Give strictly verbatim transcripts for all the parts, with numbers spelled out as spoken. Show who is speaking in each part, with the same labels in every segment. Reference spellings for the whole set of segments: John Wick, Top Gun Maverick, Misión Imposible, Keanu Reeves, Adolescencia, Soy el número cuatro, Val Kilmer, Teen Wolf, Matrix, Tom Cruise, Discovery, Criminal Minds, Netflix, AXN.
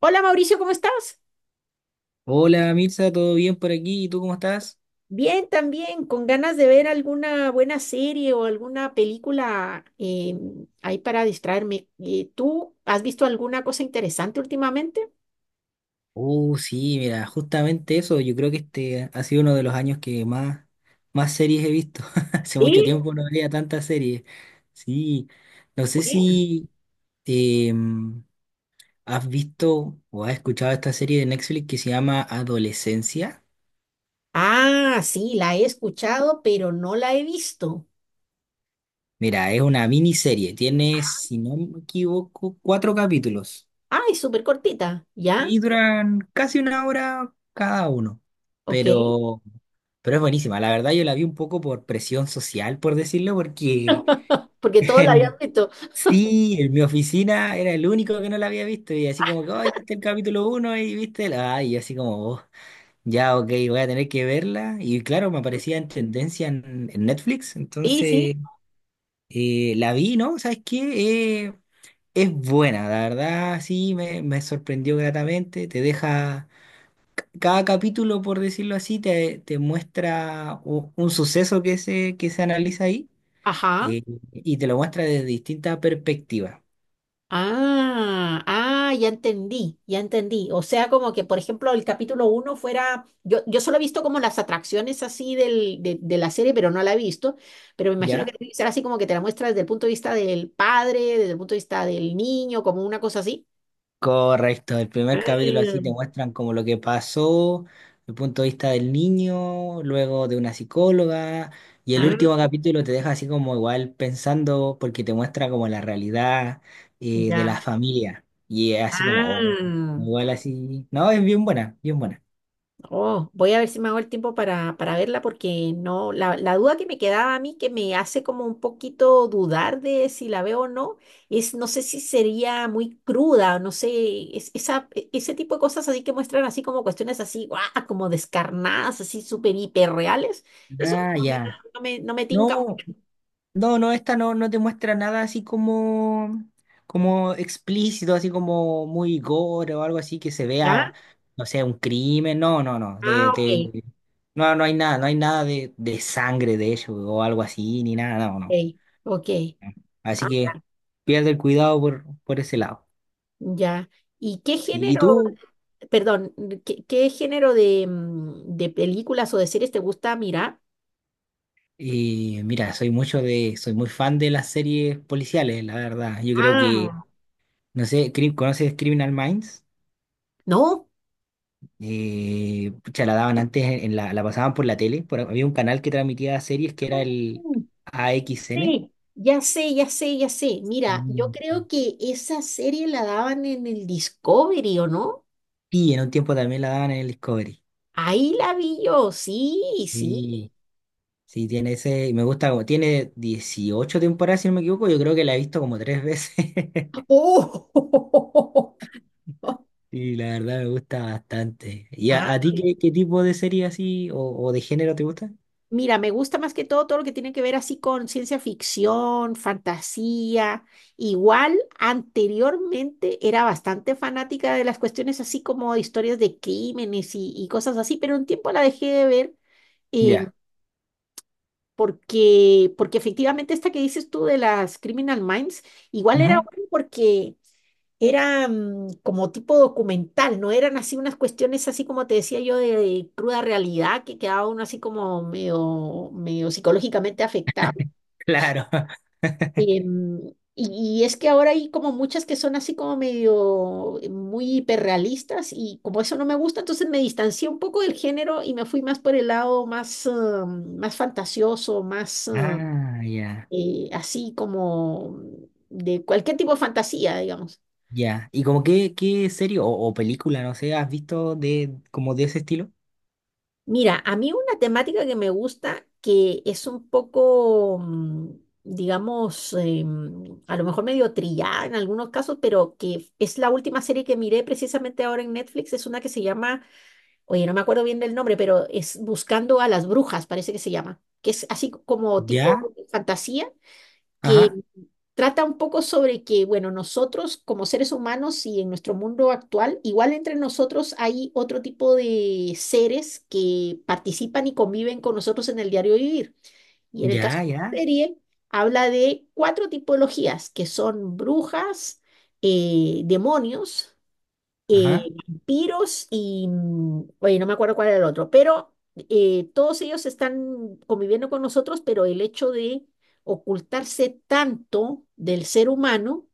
Speaker 1: Hola Mauricio, ¿cómo estás?
Speaker 2: Hola Mirza, ¿todo bien por aquí? ¿Y tú cómo estás?
Speaker 1: Bien, también, con ganas de ver alguna buena serie o alguna película eh, ahí para distraerme. Eh, ¿tú has visto alguna cosa interesante últimamente?
Speaker 2: Uh, sí, mira, justamente eso, yo creo que este ha sido uno de los años que más, más series he visto. Hace mucho
Speaker 1: ¿Eh?
Speaker 2: tiempo no veía tantas series. Sí, no sé
Speaker 1: Bueno.
Speaker 2: si em, has visto o has escuchado esta serie de Netflix que se llama Adolescencia.
Speaker 1: Ah, sí, la he escuchado, pero no la he visto.
Speaker 2: Mira, es una miniserie, tiene, si no me equivoco, cuatro capítulos.
Speaker 1: Ah, es súper cortita, ¿ya?
Speaker 2: Y duran casi una hora cada uno.
Speaker 1: Ok,
Speaker 2: Pero, pero es buenísima. La verdad yo la vi un poco por presión social, por decirlo, porque
Speaker 1: porque todos la habían
Speaker 2: en,
Speaker 1: visto.
Speaker 2: sí, en mi oficina era el único que no la había visto. Y así como que, ay, viste el capítulo uno y viste la... Ay, y así como: "Oh, ya, ok, voy a tener que verla". Y claro, me aparecía en tendencia en, en Netflix.
Speaker 1: Sí, sí.
Speaker 2: Entonces, eh, la vi, ¿no? ¿Sabes qué? Eh, es buena, la verdad, sí, me, me sorprendió gratamente. Te deja cada capítulo, por decirlo así, te, te muestra u- un suceso que se, que se analiza ahí,
Speaker 1: Ajá.
Speaker 2: eh, y te lo muestra desde distintas perspectivas,
Speaker 1: Ah, ah, ya entendí, ya entendí. O sea, como que, por ejemplo, el capítulo uno fuera, yo, yo solo he visto como las atracciones así del, de, de la serie, pero no la he visto, pero me imagino que
Speaker 2: ¿ya?
Speaker 1: debe ser así como que te la muestra desde el punto de vista del padre, desde el punto de vista del niño, como una cosa así.
Speaker 2: Correcto, el primer capítulo así te
Speaker 1: Mm.
Speaker 2: muestran como lo que pasó, el punto de vista del niño, luego de una psicóloga, y el
Speaker 1: Ah,
Speaker 2: último capítulo te deja así como igual pensando porque te muestra como la realidad, eh, de la
Speaker 1: ya.
Speaker 2: familia, y es así como: oh,
Speaker 1: Ah,
Speaker 2: igual así, no, es bien buena, bien buena.
Speaker 1: oh, voy a ver si me hago el tiempo para, para verla porque no, la, la duda que me quedaba a mí, que me hace como un poquito dudar de si la veo o no, es no sé si sería muy cruda, no sé, es, esa, e- ese tipo de cosas así que muestran así como cuestiones así, guau, como descarnadas, así súper hiperreales, eso
Speaker 2: Ah,
Speaker 1: como que no,
Speaker 2: ya.
Speaker 1: no me, no me
Speaker 2: No,
Speaker 1: tinca mucho.
Speaker 2: No, no, esta no, no te muestra nada así como, como explícito, así como muy gore o algo así que se
Speaker 1: ¿Ya?
Speaker 2: vea, no sé, un crimen. No, no, no. De,
Speaker 1: Ah, ok,
Speaker 2: de- no, no hay nada, no hay nada de, de sangre de ello o algo así, ni nada, no, no.
Speaker 1: ok, ok.
Speaker 2: Así
Speaker 1: Ah,
Speaker 2: que pierde el cuidado por, por ese lado.
Speaker 1: ya. ¿Y qué
Speaker 2: Sí, ¿y
Speaker 1: género?
Speaker 2: tú?
Speaker 1: Perdón, ¿qué, qué género de, mm, de películas o de series te gusta mirar?
Speaker 2: Eh, mira, soy mucho de, soy muy fan de las series policiales, la verdad. Yo creo que,
Speaker 1: Ah,
Speaker 2: no sé, cri- ¿conoces Criminal Minds?
Speaker 1: no,
Speaker 2: Eh, pucha, la daban antes, en la, la pasaban por la tele. Por- había un canal que transmitía series que era el
Speaker 1: mm,
Speaker 2: A X N.
Speaker 1: sí. Ya sé, ya sé, ya sé. Mira, yo
Speaker 2: Mm.
Speaker 1: creo que esa serie la daban en el Discovery, ¿o no?
Speaker 2: Y en un tiempo también la daban en el Discovery.
Speaker 1: Ahí la vi yo, sí, sí.
Speaker 2: Sí, sí, tiene ese. Y me gusta como. Tiene dieciocho temporadas, si no me equivoco. Yo creo que la he visto como tres veces.
Speaker 1: ¡Oh!
Speaker 2: Y la verdad me gusta bastante. ¿Y
Speaker 1: Ah.
Speaker 2: a, a ti qué, qué tipo de serie así o, o de género te gusta?
Speaker 1: Mira, me gusta más que todo todo lo que tiene que ver así con ciencia ficción, fantasía. Igual, anteriormente era bastante fanática de las cuestiones así como de historias de crímenes y, y cosas así, pero un tiempo la dejé de ver, em,
Speaker 2: Ya.
Speaker 1: porque, porque efectivamente esta que dices tú de las Criminal Minds, igual era
Speaker 2: Ujú.
Speaker 1: bueno porque era mm, como tipo documental, no eran así unas cuestiones así como te decía yo de, de cruda realidad que quedaba uno así como medio, medio psicológicamente afectado.
Speaker 2: Claro.
Speaker 1: Em, y, y es que ahora hay como muchas que son así como medio eh, muy hiperrealistas y como eso no me gusta, entonces me distancié un poco del género y me fui más por el lado más, em, más fantasioso, más eh,
Speaker 2: Ah, ya.
Speaker 1: eh, así como de cualquier tipo de fantasía, digamos.
Speaker 2: Ya. ¿Y como qué, qué serie o, o película, no sé, has visto de como de ese estilo?
Speaker 1: Mira, a mí una temática que me gusta, que es un poco, mm, digamos, eh, mm, a lo mejor medio trillada en algunos casos, pero que es la última serie que miré precisamente ahora en Netflix, es una que se llama, oye, no me acuerdo bien del nombre, pero es Buscando a las Brujas, parece que se llama, que es así como
Speaker 2: Ya,
Speaker 1: tipo fantasía.
Speaker 2: ajá,
Speaker 1: Trata un poco sobre que, bueno, nosotros como seres humanos y en nuestro mundo actual, igual entre nosotros hay otro tipo de seres que participan y conviven con nosotros en el diario vivir. Y en el caso
Speaker 2: ya,
Speaker 1: de la
Speaker 2: ya,
Speaker 1: serie, habla de cuatro tipologías, que son brujas, eh, demonios, eh,
Speaker 2: ajá.
Speaker 1: vampiros y, mm, oye, no me acuerdo cuál era el otro, pero eh, todos ellos están conviviendo con nosotros, pero el hecho de ocultarse tanto del ser humano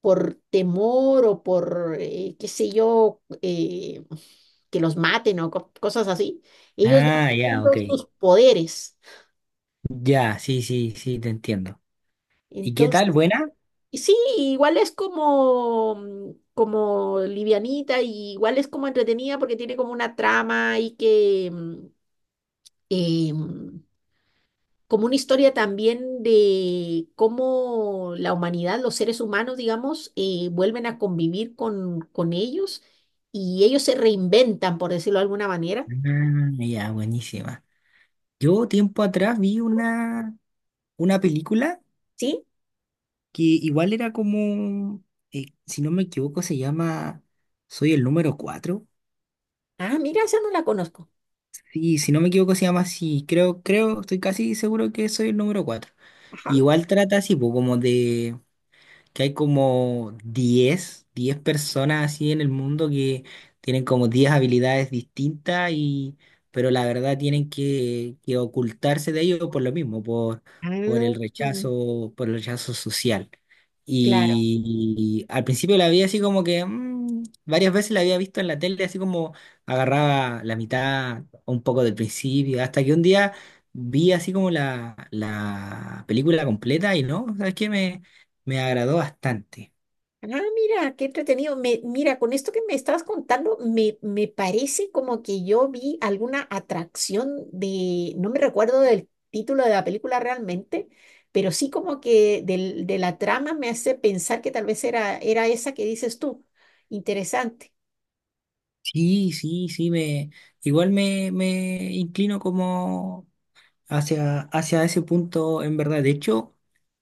Speaker 1: por temor o por, eh, qué sé yo, eh, que los maten o co- cosas así, ellos van
Speaker 2: Ah, ya,
Speaker 1: perdiendo
Speaker 2: ok.
Speaker 1: sus poderes.
Speaker 2: Ya, sí, sí, sí, te entiendo. ¿Y qué
Speaker 1: Entonces
Speaker 2: tal? ¿Buena?
Speaker 1: y sí, igual es como, mm, como livianita y igual es como entretenida porque tiene como una trama y que mm, eh, mm, como una historia también de cómo la humanidad, los seres humanos, digamos, eh, vuelven a convivir con, con ellos y ellos se reinventan, por decirlo de alguna manera.
Speaker 2: Ah, ya, buenísima. Yo tiempo atrás vi una, una película
Speaker 1: ¿Sí?
Speaker 2: que igual era como, eh, si no me equivoco, se llama Soy el número cuatro.
Speaker 1: Ah, mira, esa no la conozco.
Speaker 2: Sí, si no me equivoco, se llama así. Creo, creo, estoy casi seguro que soy el número cuatro.
Speaker 1: Ajá.
Speaker 2: Igual trata así, po, como de que hay como diez diez personas así en el mundo que tienen como diez habilidades distintas y, pero la verdad tienen que, que ocultarse de ello por lo mismo, por, por el
Speaker 1: Ah,
Speaker 2: rechazo, por el rechazo social.
Speaker 1: claro.
Speaker 2: Y, al principio la vi así como que mm, varias veces la había visto en la tele, así como agarraba la mitad o un poco del principio, hasta que un día vi así como la, la película completa y no, ¿sabes qué? Me agradó bastante.
Speaker 1: Ah, mira, qué entretenido. Me, mira, con esto que me estabas contando, me, me parece como que yo vi alguna atracción de, no me recuerdo del título de la película realmente, pero sí como que del- de la trama me hace pensar que tal vez era, era esa que dices tú. Interesante.
Speaker 2: Sí, sí, sí, me igual me, me inclino como hacia, hacia ese punto en verdad. De hecho,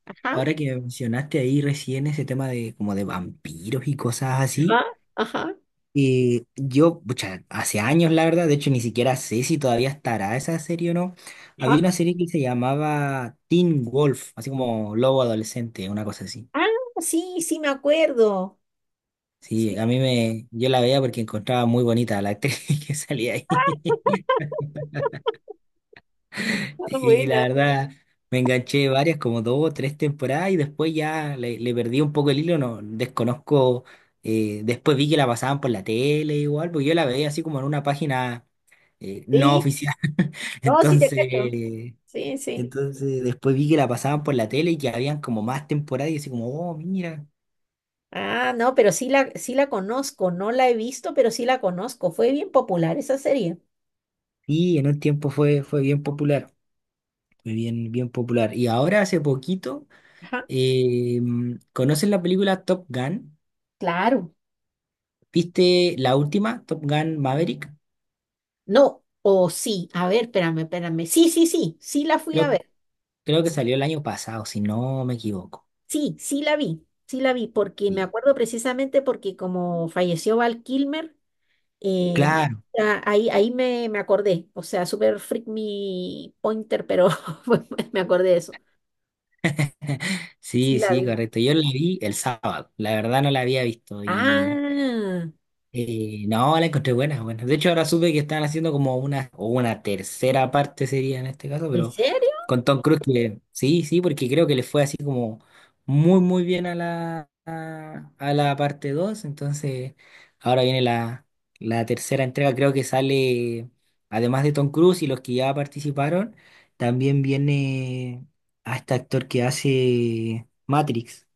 Speaker 1: Ajá,
Speaker 2: ahora que mencionaste ahí recién ese tema de como de vampiros y cosas así,
Speaker 1: ajá, ajá,
Speaker 2: eh, yo, pucha, hace años la verdad, de hecho ni siquiera sé si todavía estará esa serie o no. Había
Speaker 1: ajá.
Speaker 2: una serie que se llamaba Teen Wolf, así como lobo adolescente, una cosa así.
Speaker 1: Ah, sí, sí, me acuerdo. Sí,
Speaker 2: Sí, a mí me, yo la veía porque encontraba muy bonita a la actriz que salía ahí.
Speaker 1: ah,
Speaker 2: Y la
Speaker 1: buena,
Speaker 2: verdad, me enganché varias, como dos o tres temporadas, y después ya le, le perdí un poco el hilo, no desconozco. Eh, después vi que la pasaban por la tele igual, porque yo la veía así como en una página eh, no
Speaker 1: sí.
Speaker 2: oficial.
Speaker 1: No, sí te cacho.
Speaker 2: Entonces,
Speaker 1: Sí, sí.
Speaker 2: entonces después vi que la pasaban por la tele y que habían como más temporadas, y así como, oh, mira.
Speaker 1: Ah, no, pero sí la, sí la conozco, no la he visto, pero sí la conozco. Fue bien popular esa serie.
Speaker 2: Sí, en un tiempo fue, fue bien popular, fue bien, bien popular. Y ahora hace poquito,
Speaker 1: Ajá.
Speaker 2: eh, ¿conocen la película Top Gun?
Speaker 1: Claro.
Speaker 2: ¿Viste la última, Top Gun Maverick?
Speaker 1: No, o sí, a ver, espérame, espérame. Sí, sí, sí, sí la fui a
Speaker 2: Creo,
Speaker 1: ver.
Speaker 2: creo que salió el año pasado, si no me equivoco.
Speaker 1: Sí, sí la vi, sí la vi, porque me
Speaker 2: Y,
Speaker 1: acuerdo precisamente porque como falleció Val Kilmer, eh,
Speaker 2: claro,
Speaker 1: ah, ahí, ahí me, me acordé. O sea, super freak me pointer, pero pues, me acordé de eso. Sí
Speaker 2: sí,
Speaker 1: la
Speaker 2: sí,
Speaker 1: vi.
Speaker 2: correcto. Yo la vi el sábado, la verdad no la había visto.
Speaker 1: Ah,
Speaker 2: Eh, no, la encontré buena, buena. De hecho, ahora supe que están haciendo como una, o una tercera parte sería en este caso,
Speaker 1: ¿en
Speaker 2: pero
Speaker 1: serio?
Speaker 2: con Tom Cruise que sí, sí, porque creo que le fue así como muy, muy bien a la, a, a la parte dos. Entonces, ahora viene la, la tercera entrega. Creo que sale, además de Tom Cruise y los que ya participaron, también viene a este actor que hace Matrix.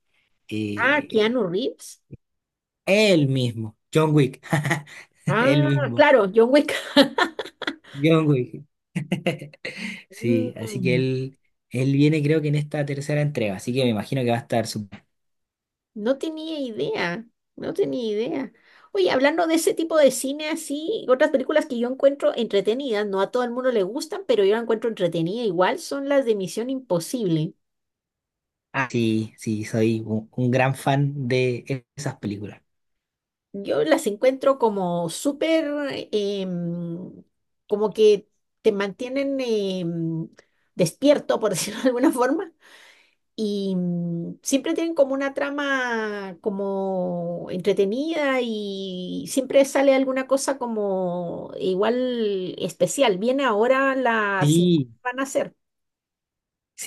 Speaker 1: Ah,
Speaker 2: Eh,
Speaker 1: Keanu Reeves.
Speaker 2: él mismo, John Wick, él
Speaker 1: Ah,
Speaker 2: mismo.
Speaker 1: claro, John Wick.
Speaker 2: John Wick. Sí, así que
Speaker 1: Mm,
Speaker 2: él, él viene creo que en esta tercera entrega, así que me imagino que va a estar súper.
Speaker 1: no tenía idea, no tenía idea. Oye, hablando de ese tipo de cine así, otras películas que yo encuentro entretenidas, no a todo el mundo le gustan, pero yo la encuentro entretenida igual, son las de Misión Imposible.
Speaker 2: Ah, sí, sí, soy un, un gran fan de e, esas películas.
Speaker 1: Yo las encuentro como súper, em, como que te mantienen em, despierto, por decirlo de alguna forma. Y mm, siempre tienen como una trama como entretenida y siempre sale alguna cosa como igual especial. Viene ahora la siguiente
Speaker 2: Sí,
Speaker 1: que van a hacer.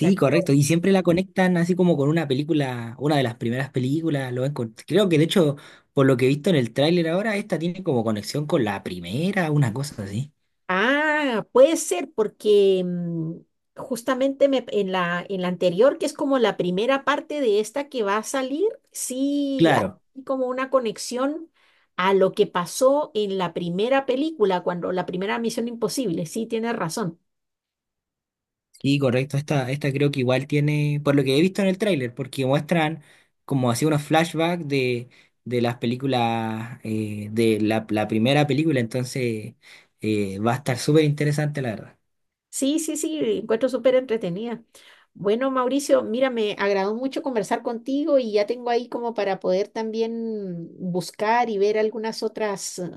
Speaker 1: la que-
Speaker 2: correcto.
Speaker 1: no.
Speaker 2: Y siempre la conectan así como con una película, una de las primeras películas. Lo ven con- Creo que de hecho, por lo que he visto en el tráiler ahora, esta tiene como conexión con la primera, una cosa así.
Speaker 1: Ah, puede ser porque mm, justamente me- en la, en la anterior, que es como la primera parte de esta que va a salir, sí
Speaker 2: Claro.
Speaker 1: hay como una conexión a lo que pasó en la primera película, cuando la primera Misión Imposible. Sí, tienes razón.
Speaker 2: Y correcto, esta, esta creo que igual tiene, por lo que he visto en el tráiler, porque muestran como así unos flashbacks de, de las películas, eh, de la, la primera película, entonces eh, va a estar súper interesante, la verdad.
Speaker 1: Sí, sí, sí, encuentro súper entretenida. Bueno, Mauricio, mira, me agradó mucho conversar contigo y ya tengo ahí como para poder también buscar y ver algunas otras eh,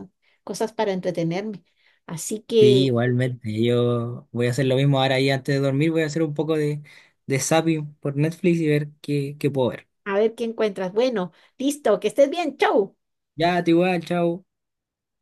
Speaker 1: cosas para entretenerme. Así
Speaker 2: Sí,
Speaker 1: que,
Speaker 2: igualmente, yo voy a hacer lo mismo ahora y antes de dormir voy a hacer un poco de, de zapping por Netflix y ver qué, qué puedo ver.
Speaker 1: a ver qué encuentras. Bueno, listo, que estés bien, chau.
Speaker 2: Ya, te igual, chao.